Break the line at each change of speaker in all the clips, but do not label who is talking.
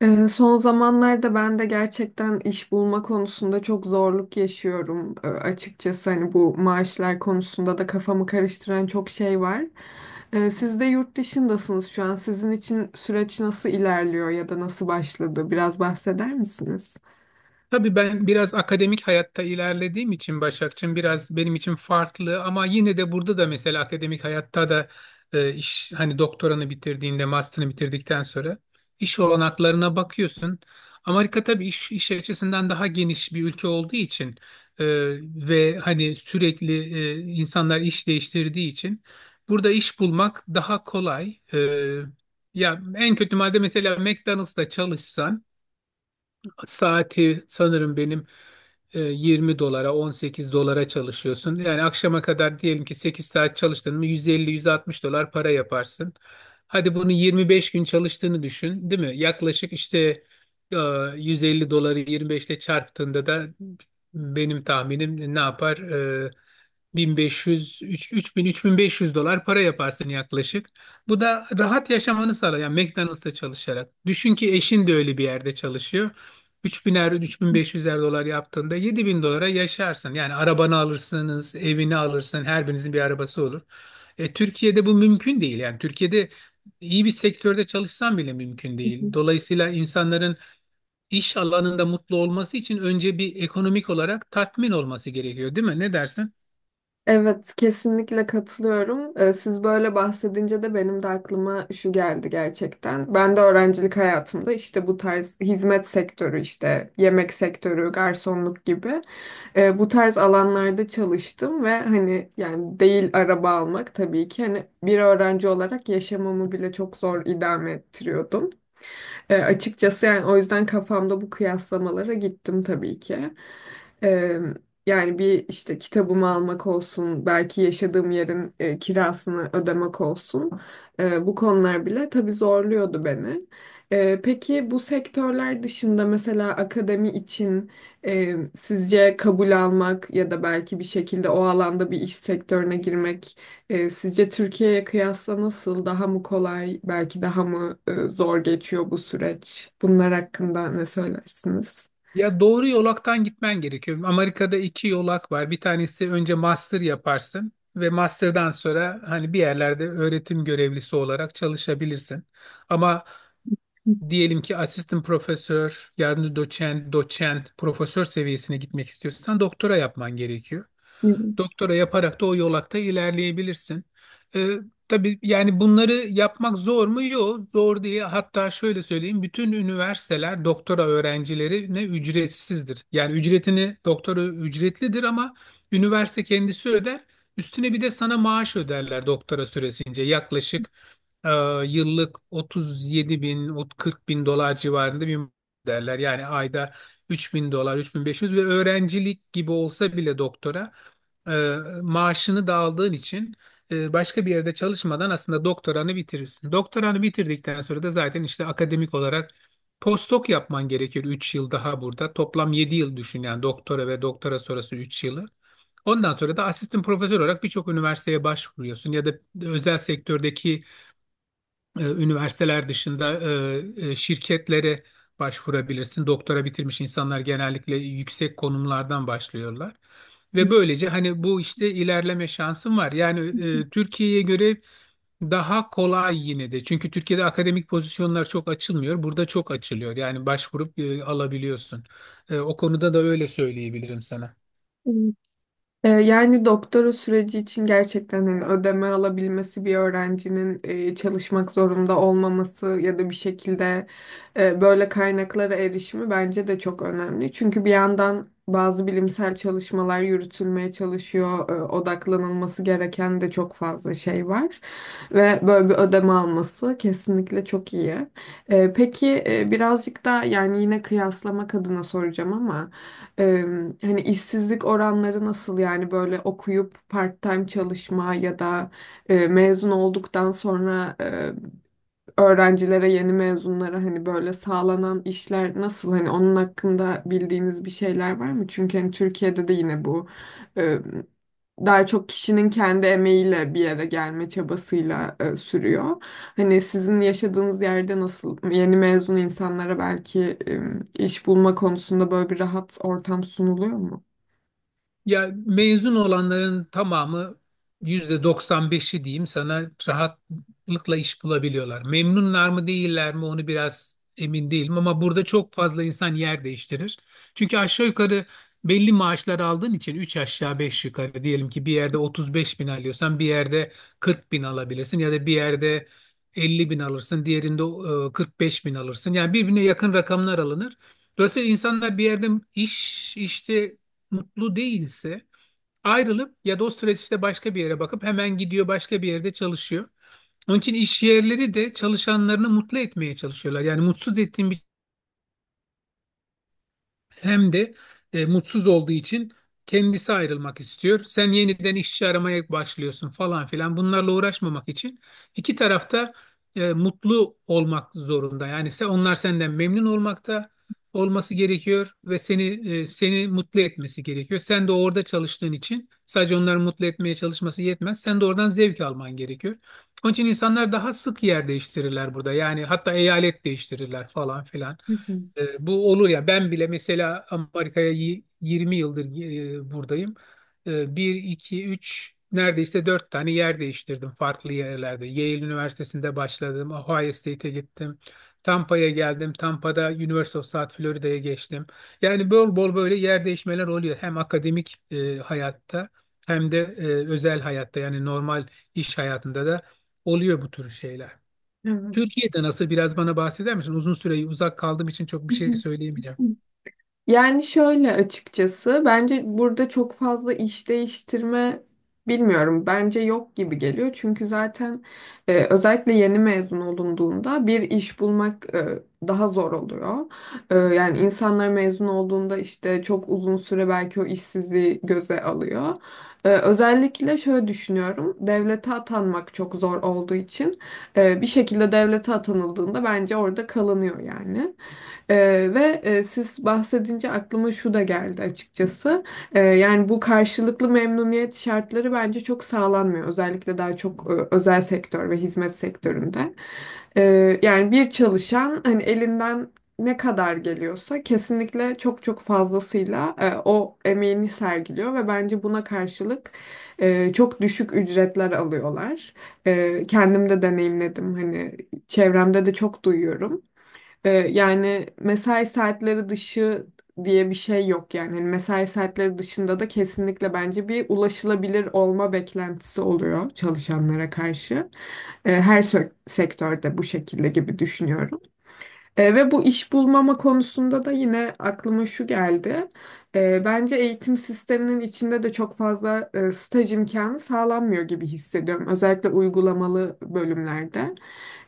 Son zamanlarda ben de gerçekten iş bulma konusunda çok zorluk yaşıyorum. Açıkçası hani bu maaşlar konusunda da kafamı karıştıran çok şey var. Siz de yurt dışındasınız şu an. Sizin için süreç nasıl ilerliyor ya da nasıl başladı? Biraz bahseder misiniz?
Tabii ben biraz akademik hayatta ilerlediğim için Başakçığım biraz benim için farklı, ama yine de burada da mesela akademik hayatta da iş hani doktoranı bitirdiğinde, master'ını bitirdikten sonra iş olanaklarına bakıyorsun. Amerika tabii iş açısından daha geniş bir ülke olduğu için e, ve hani sürekli insanlar iş değiştirdiği için burada iş bulmak daha kolay. Ya en kötü madde mesela McDonald's'ta çalışsan, saati sanırım benim 20 dolara, 18 dolara çalışıyorsun. Yani akşama kadar diyelim ki 8 saat çalıştın mı, 150-160 dolar para yaparsın. Hadi bunu 25 gün çalıştığını düşün, değil mi? Yaklaşık işte e, 150 doları 25 ile çarptığında da benim tahminim ne yapar? 1500, 3, 3000, 3500 dolar para yaparsın yaklaşık. Bu da rahat yaşamanı sağlar. Yani McDonald's'ta çalışarak. Düşün ki eşin de öyle bir yerde çalışıyor, 3000'er, 3500'er dolar yaptığında 7.000 dolara yaşarsın. Yani arabanı alırsınız, evini alırsın, her birinizin bir arabası olur. Türkiye'de bu mümkün değil. Yani Türkiye'de iyi bir sektörde çalışsan bile mümkün
Hı hı.
değil. Dolayısıyla insanların iş alanında mutlu olması için önce bir ekonomik olarak tatmin olması gerekiyor, değil mi? Ne dersin?
Evet, kesinlikle katılıyorum. Siz böyle bahsedince de benim de aklıma şu geldi gerçekten. Ben de öğrencilik hayatımda işte bu tarz hizmet sektörü işte yemek sektörü, garsonluk gibi bu tarz alanlarda çalıştım ve hani yani değil araba almak tabii ki hani bir öğrenci olarak yaşamamı bile çok zor idame ettiriyordum. Açıkçası yani o yüzden kafamda bu kıyaslamalara gittim tabii ki. Eee, Yani bir işte kitabımı almak olsun, belki yaşadığım yerin kirasını ödemek olsun. Bu konular bile tabii zorluyordu beni. Peki bu sektörler dışında mesela akademi için sizce kabul almak ya da belki bir şekilde o alanda bir iş sektörüne girmek sizce Türkiye'ye kıyasla nasıl daha mı kolay, belki daha mı zor geçiyor bu süreç? Bunlar hakkında ne söylersiniz?
Ya doğru yolaktan gitmen gerekiyor. Amerika'da iki yolak var. Bir tanesi, önce master yaparsın ve master'dan sonra hani bir yerlerde öğretim görevlisi olarak çalışabilirsin. Ama diyelim ki asistan profesör, yardımcı doçent, doçent, profesör seviyesine gitmek istiyorsan doktora yapman gerekiyor. Doktora yaparak da o yolakta ilerleyebilirsin. Ee, tabii yani bunları yapmak zor mu? Yok, zor değil. Hatta şöyle söyleyeyim, bütün üniversiteler doktora öğrencilerine ücretsizdir. Yani ücretini, doktora ücretlidir ama üniversite kendisi öder. Üstüne bir de sana maaş öderler doktora süresince. Yaklaşık e, yıllık 37 bin, 40 bin dolar civarında bir derler. Yani ayda 3 bin dolar, 3500 ve öğrencilik gibi olsa bile doktora e, maaşını da aldığın için başka bir yerde çalışmadan aslında doktoranı bitirirsin. Doktoranı bitirdikten sonra da zaten işte akademik olarak postdoc yapman gerekir 3 yıl daha burada. Toplam 7 yıl düşün, yani doktora ve doktora sonrası 3 yılı. Ondan sonra da asistan profesör olarak birçok üniversiteye başvuruyorsun, ya da özel sektördeki üniversiteler dışında şirketlere başvurabilirsin. Doktora bitirmiş insanlar genellikle yüksek konumlardan başlıyorlar. Ve böylece hani bu işte ilerleme şansın var. Yani Türkiye'ye göre daha kolay yine de. Çünkü Türkiye'de akademik pozisyonlar çok açılmıyor. Burada çok açılıyor. Yani başvurup alabiliyorsun. O konuda da öyle söyleyebilirim sana.
Yani doktora süreci için gerçekten hani ödeme alabilmesi bir öğrencinin çalışmak zorunda olmaması ya da bir şekilde böyle kaynaklara erişimi bence de çok önemli. Çünkü bir yandan bazı bilimsel çalışmalar yürütülmeye çalışıyor. Odaklanılması gereken de çok fazla şey var. Ve böyle bir ödeme alması kesinlikle çok iyi. Peki birazcık da yani yine kıyaslamak adına soracağım ama Eee, hani işsizlik oranları nasıl yani böyle okuyup part-time çalışma ya da mezun olduktan sonra öğrencilere, yeni mezunlara hani böyle sağlanan işler nasıl? Hani onun hakkında bildiğiniz bir şeyler var mı? Çünkü hani Türkiye'de de yine bu e, daha çok kişinin kendi emeğiyle bir yere gelme çabasıyla sürüyor. Hani sizin yaşadığınız yerde nasıl yeni mezun insanlara belki iş bulma konusunda böyle bir rahat ortam sunuluyor mu?
Ya mezun olanların tamamı, yüzde 95'i diyeyim sana, rahatlıkla iş bulabiliyorlar. Memnunlar mı değiller mi onu biraz emin değilim, ama burada çok fazla insan yer değiştirir. Çünkü aşağı yukarı belli maaşlar aldığın için, 3 aşağı 5 yukarı diyelim ki bir yerde 35 bin alıyorsan, bir yerde 40 bin alabilirsin, ya da bir yerde 50 bin alırsın, diğerinde 45 bin alırsın. Yani birbirine yakın rakamlar alınır. Dolayısıyla insanlar bir yerde iş işte mutlu değilse, ayrılıp ya da o süreçte başka bir yere bakıp hemen gidiyor, başka bir yerde çalışıyor. Onun için iş yerleri de çalışanlarını mutlu etmeye çalışıyorlar. Yani mutsuz ettiğin bir hem de mutsuz olduğu için kendisi ayrılmak istiyor. Sen yeniden işçi aramaya başlıyorsun falan filan. Bunlarla uğraşmamak için iki tarafta mutlu olmak zorunda. Yani sen, onlar senden memnun olmakta olması gerekiyor ve seni seni mutlu etmesi gerekiyor. Sen de orada çalıştığın için sadece onları mutlu etmeye çalışması yetmez. Sen de oradan zevk alman gerekiyor. Onun için insanlar daha sık yer değiştirirler burada. Yani hatta eyalet değiştirirler falan filan.
Hı hı.
Bu olur ya, ben bile mesela Amerika'ya 20 yıldır buradayım. E, 1, 2, 3, neredeyse 4 tane yer değiştirdim farklı yerlerde. Yale Üniversitesi'nde başladım. Ohio State'e gittim. Tampa'ya geldim. Tampa'da University of South Florida'ya geçtim. Yani bol bol böyle yer değişmeler oluyor. Hem akademik hayatta, hem de özel hayatta, yani normal iş hayatında da oluyor bu tür şeyler.
Evet.
Türkiye'de nasıl, biraz bana bahseder misin? Uzun süre uzak kaldığım için çok
Hı
bir şey
hı.
söyleyemeyeceğim.
Yani şöyle açıkçası bence burada çok fazla iş değiştirme bilmiyorum. Bence yok gibi geliyor. Çünkü zaten özellikle yeni mezun olunduğunda bir iş bulmak daha zor oluyor. Yani insanlar mezun olduğunda işte çok uzun süre belki o işsizliği göze alıyor. Özellikle şöyle düşünüyorum. Devlete atanmak çok zor olduğu için bir şekilde devlete atanıldığında bence orada kalınıyor yani. Ve siz bahsedince aklıma şu da geldi açıkçası. Yani bu karşılıklı memnuniyet şartları bence çok sağlanmıyor. Özellikle daha çok özel sektör ve hizmet sektöründe. Yani bir çalışan hani elinden ne kadar geliyorsa kesinlikle çok fazlasıyla o emeğini sergiliyor ve bence buna karşılık çok düşük ücretler alıyorlar. Kendim de deneyimledim hani çevremde de çok duyuyorum. Yani mesai saatleri dışı diye bir şey yok yani. Hani mesai saatleri dışında da kesinlikle bence bir ulaşılabilir olma beklentisi oluyor çalışanlara karşı. Her sektörde bu şekilde gibi düşünüyorum. Ve bu iş bulmama konusunda da yine aklıma şu geldi. Bence eğitim sisteminin içinde de çok fazla staj imkanı sağlanmıyor gibi hissediyorum. Özellikle uygulamalı bölümlerde.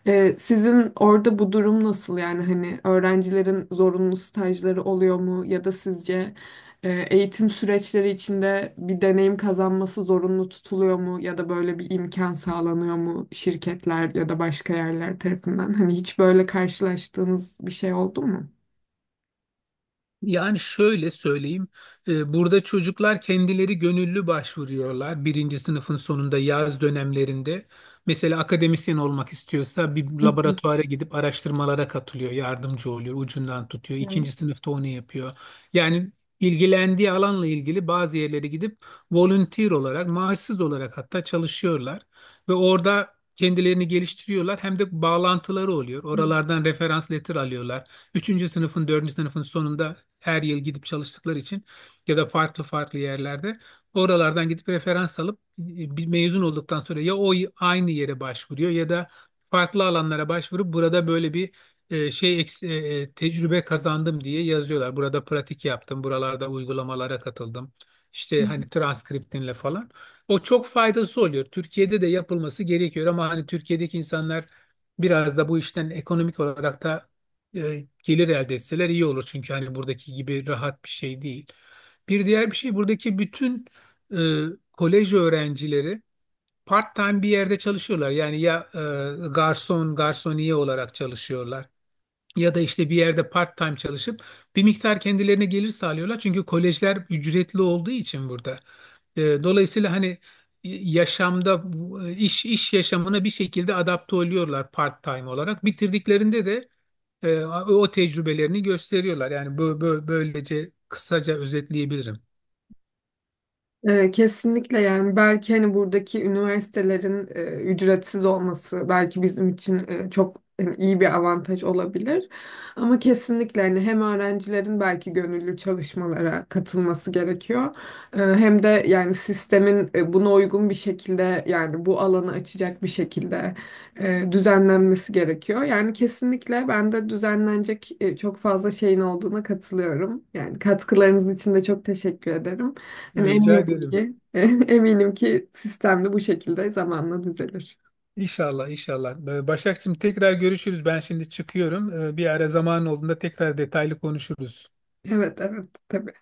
Sizin orada bu durum nasıl? Yani hani öğrencilerin zorunlu stajları oluyor mu? Ya da sizce eğitim süreçleri içinde bir deneyim kazanması zorunlu tutuluyor mu ya da böyle bir imkan sağlanıyor mu şirketler ya da başka yerler tarafından? Hani hiç böyle karşılaştığınız bir şey oldu mu?
Yani şöyle söyleyeyim, burada çocuklar kendileri gönüllü başvuruyorlar birinci sınıfın sonunda, yaz dönemlerinde. Mesela akademisyen olmak istiyorsa bir
Hı hı.
laboratuvara gidip araştırmalara katılıyor, yardımcı oluyor, ucundan tutuyor. İkinci sınıfta onu yapıyor. Yani ilgilendiği alanla ilgili bazı yerlere gidip volunteer olarak, maaşsız olarak hatta çalışıyorlar. Ve orada kendilerini geliştiriyorlar, hem de bağlantıları oluyor.
Evet.
Oralardan referans letter alıyorlar. Üçüncü sınıfın, dördüncü sınıfın sonunda her yıl gidip çalıştıkları için, ya da farklı farklı yerlerde, oralardan gidip referans alıp bir mezun olduktan sonra ya o aynı yere başvuruyor, ya da farklı alanlara başvurup burada böyle bir tecrübe kazandım diye yazıyorlar. Burada pratik yaptım, buralarda uygulamalara katıldım. İşte hani transkriptinle falan. O çok faydası oluyor. Türkiye'de de yapılması gerekiyor, ama hani Türkiye'deki insanlar biraz da bu işten ekonomik olarak da gelir elde etseler iyi olur. Çünkü hani buradaki gibi rahat bir şey değil. Bir diğer bir şey, buradaki bütün e, kolej öğrencileri part-time bir yerde çalışıyorlar. Yani ya garson, garsoniye olarak çalışıyorlar. Ya da işte bir yerde part-time çalışıp bir miktar kendilerine gelir sağlıyorlar. Çünkü kolejler ücretli olduğu için burada. Dolayısıyla hani yaşamda iş yaşamına bir şekilde adapte oluyorlar part-time olarak. Bitirdiklerinde de o tecrübelerini gösteriyorlar. Yani böylece kısaca özetleyebilirim.
Kesinlikle yani belki hani buradaki üniversitelerin ücretsiz olması belki bizim için çok hani iyi bir avantaj olabilir. Ama kesinlikle hani hem öğrencilerin belki gönüllü çalışmalara katılması gerekiyor. Hem de yani sistemin buna uygun bir şekilde yani bu alanı açacak bir şekilde düzenlenmesi gerekiyor. Yani kesinlikle ben de düzenlenecek çok fazla şeyin olduğuna katılıyorum. Yani katkılarınız için de çok teşekkür ederim. Yani
Rica ederim.
eminim ki sistemli bu şekilde zamanla düzelir.
İnşallah, inşallah. Başakçığım, tekrar görüşürüz. Ben şimdi çıkıyorum. Bir ara zaman olduğunda tekrar detaylı konuşuruz.
Evet, evet, tabii.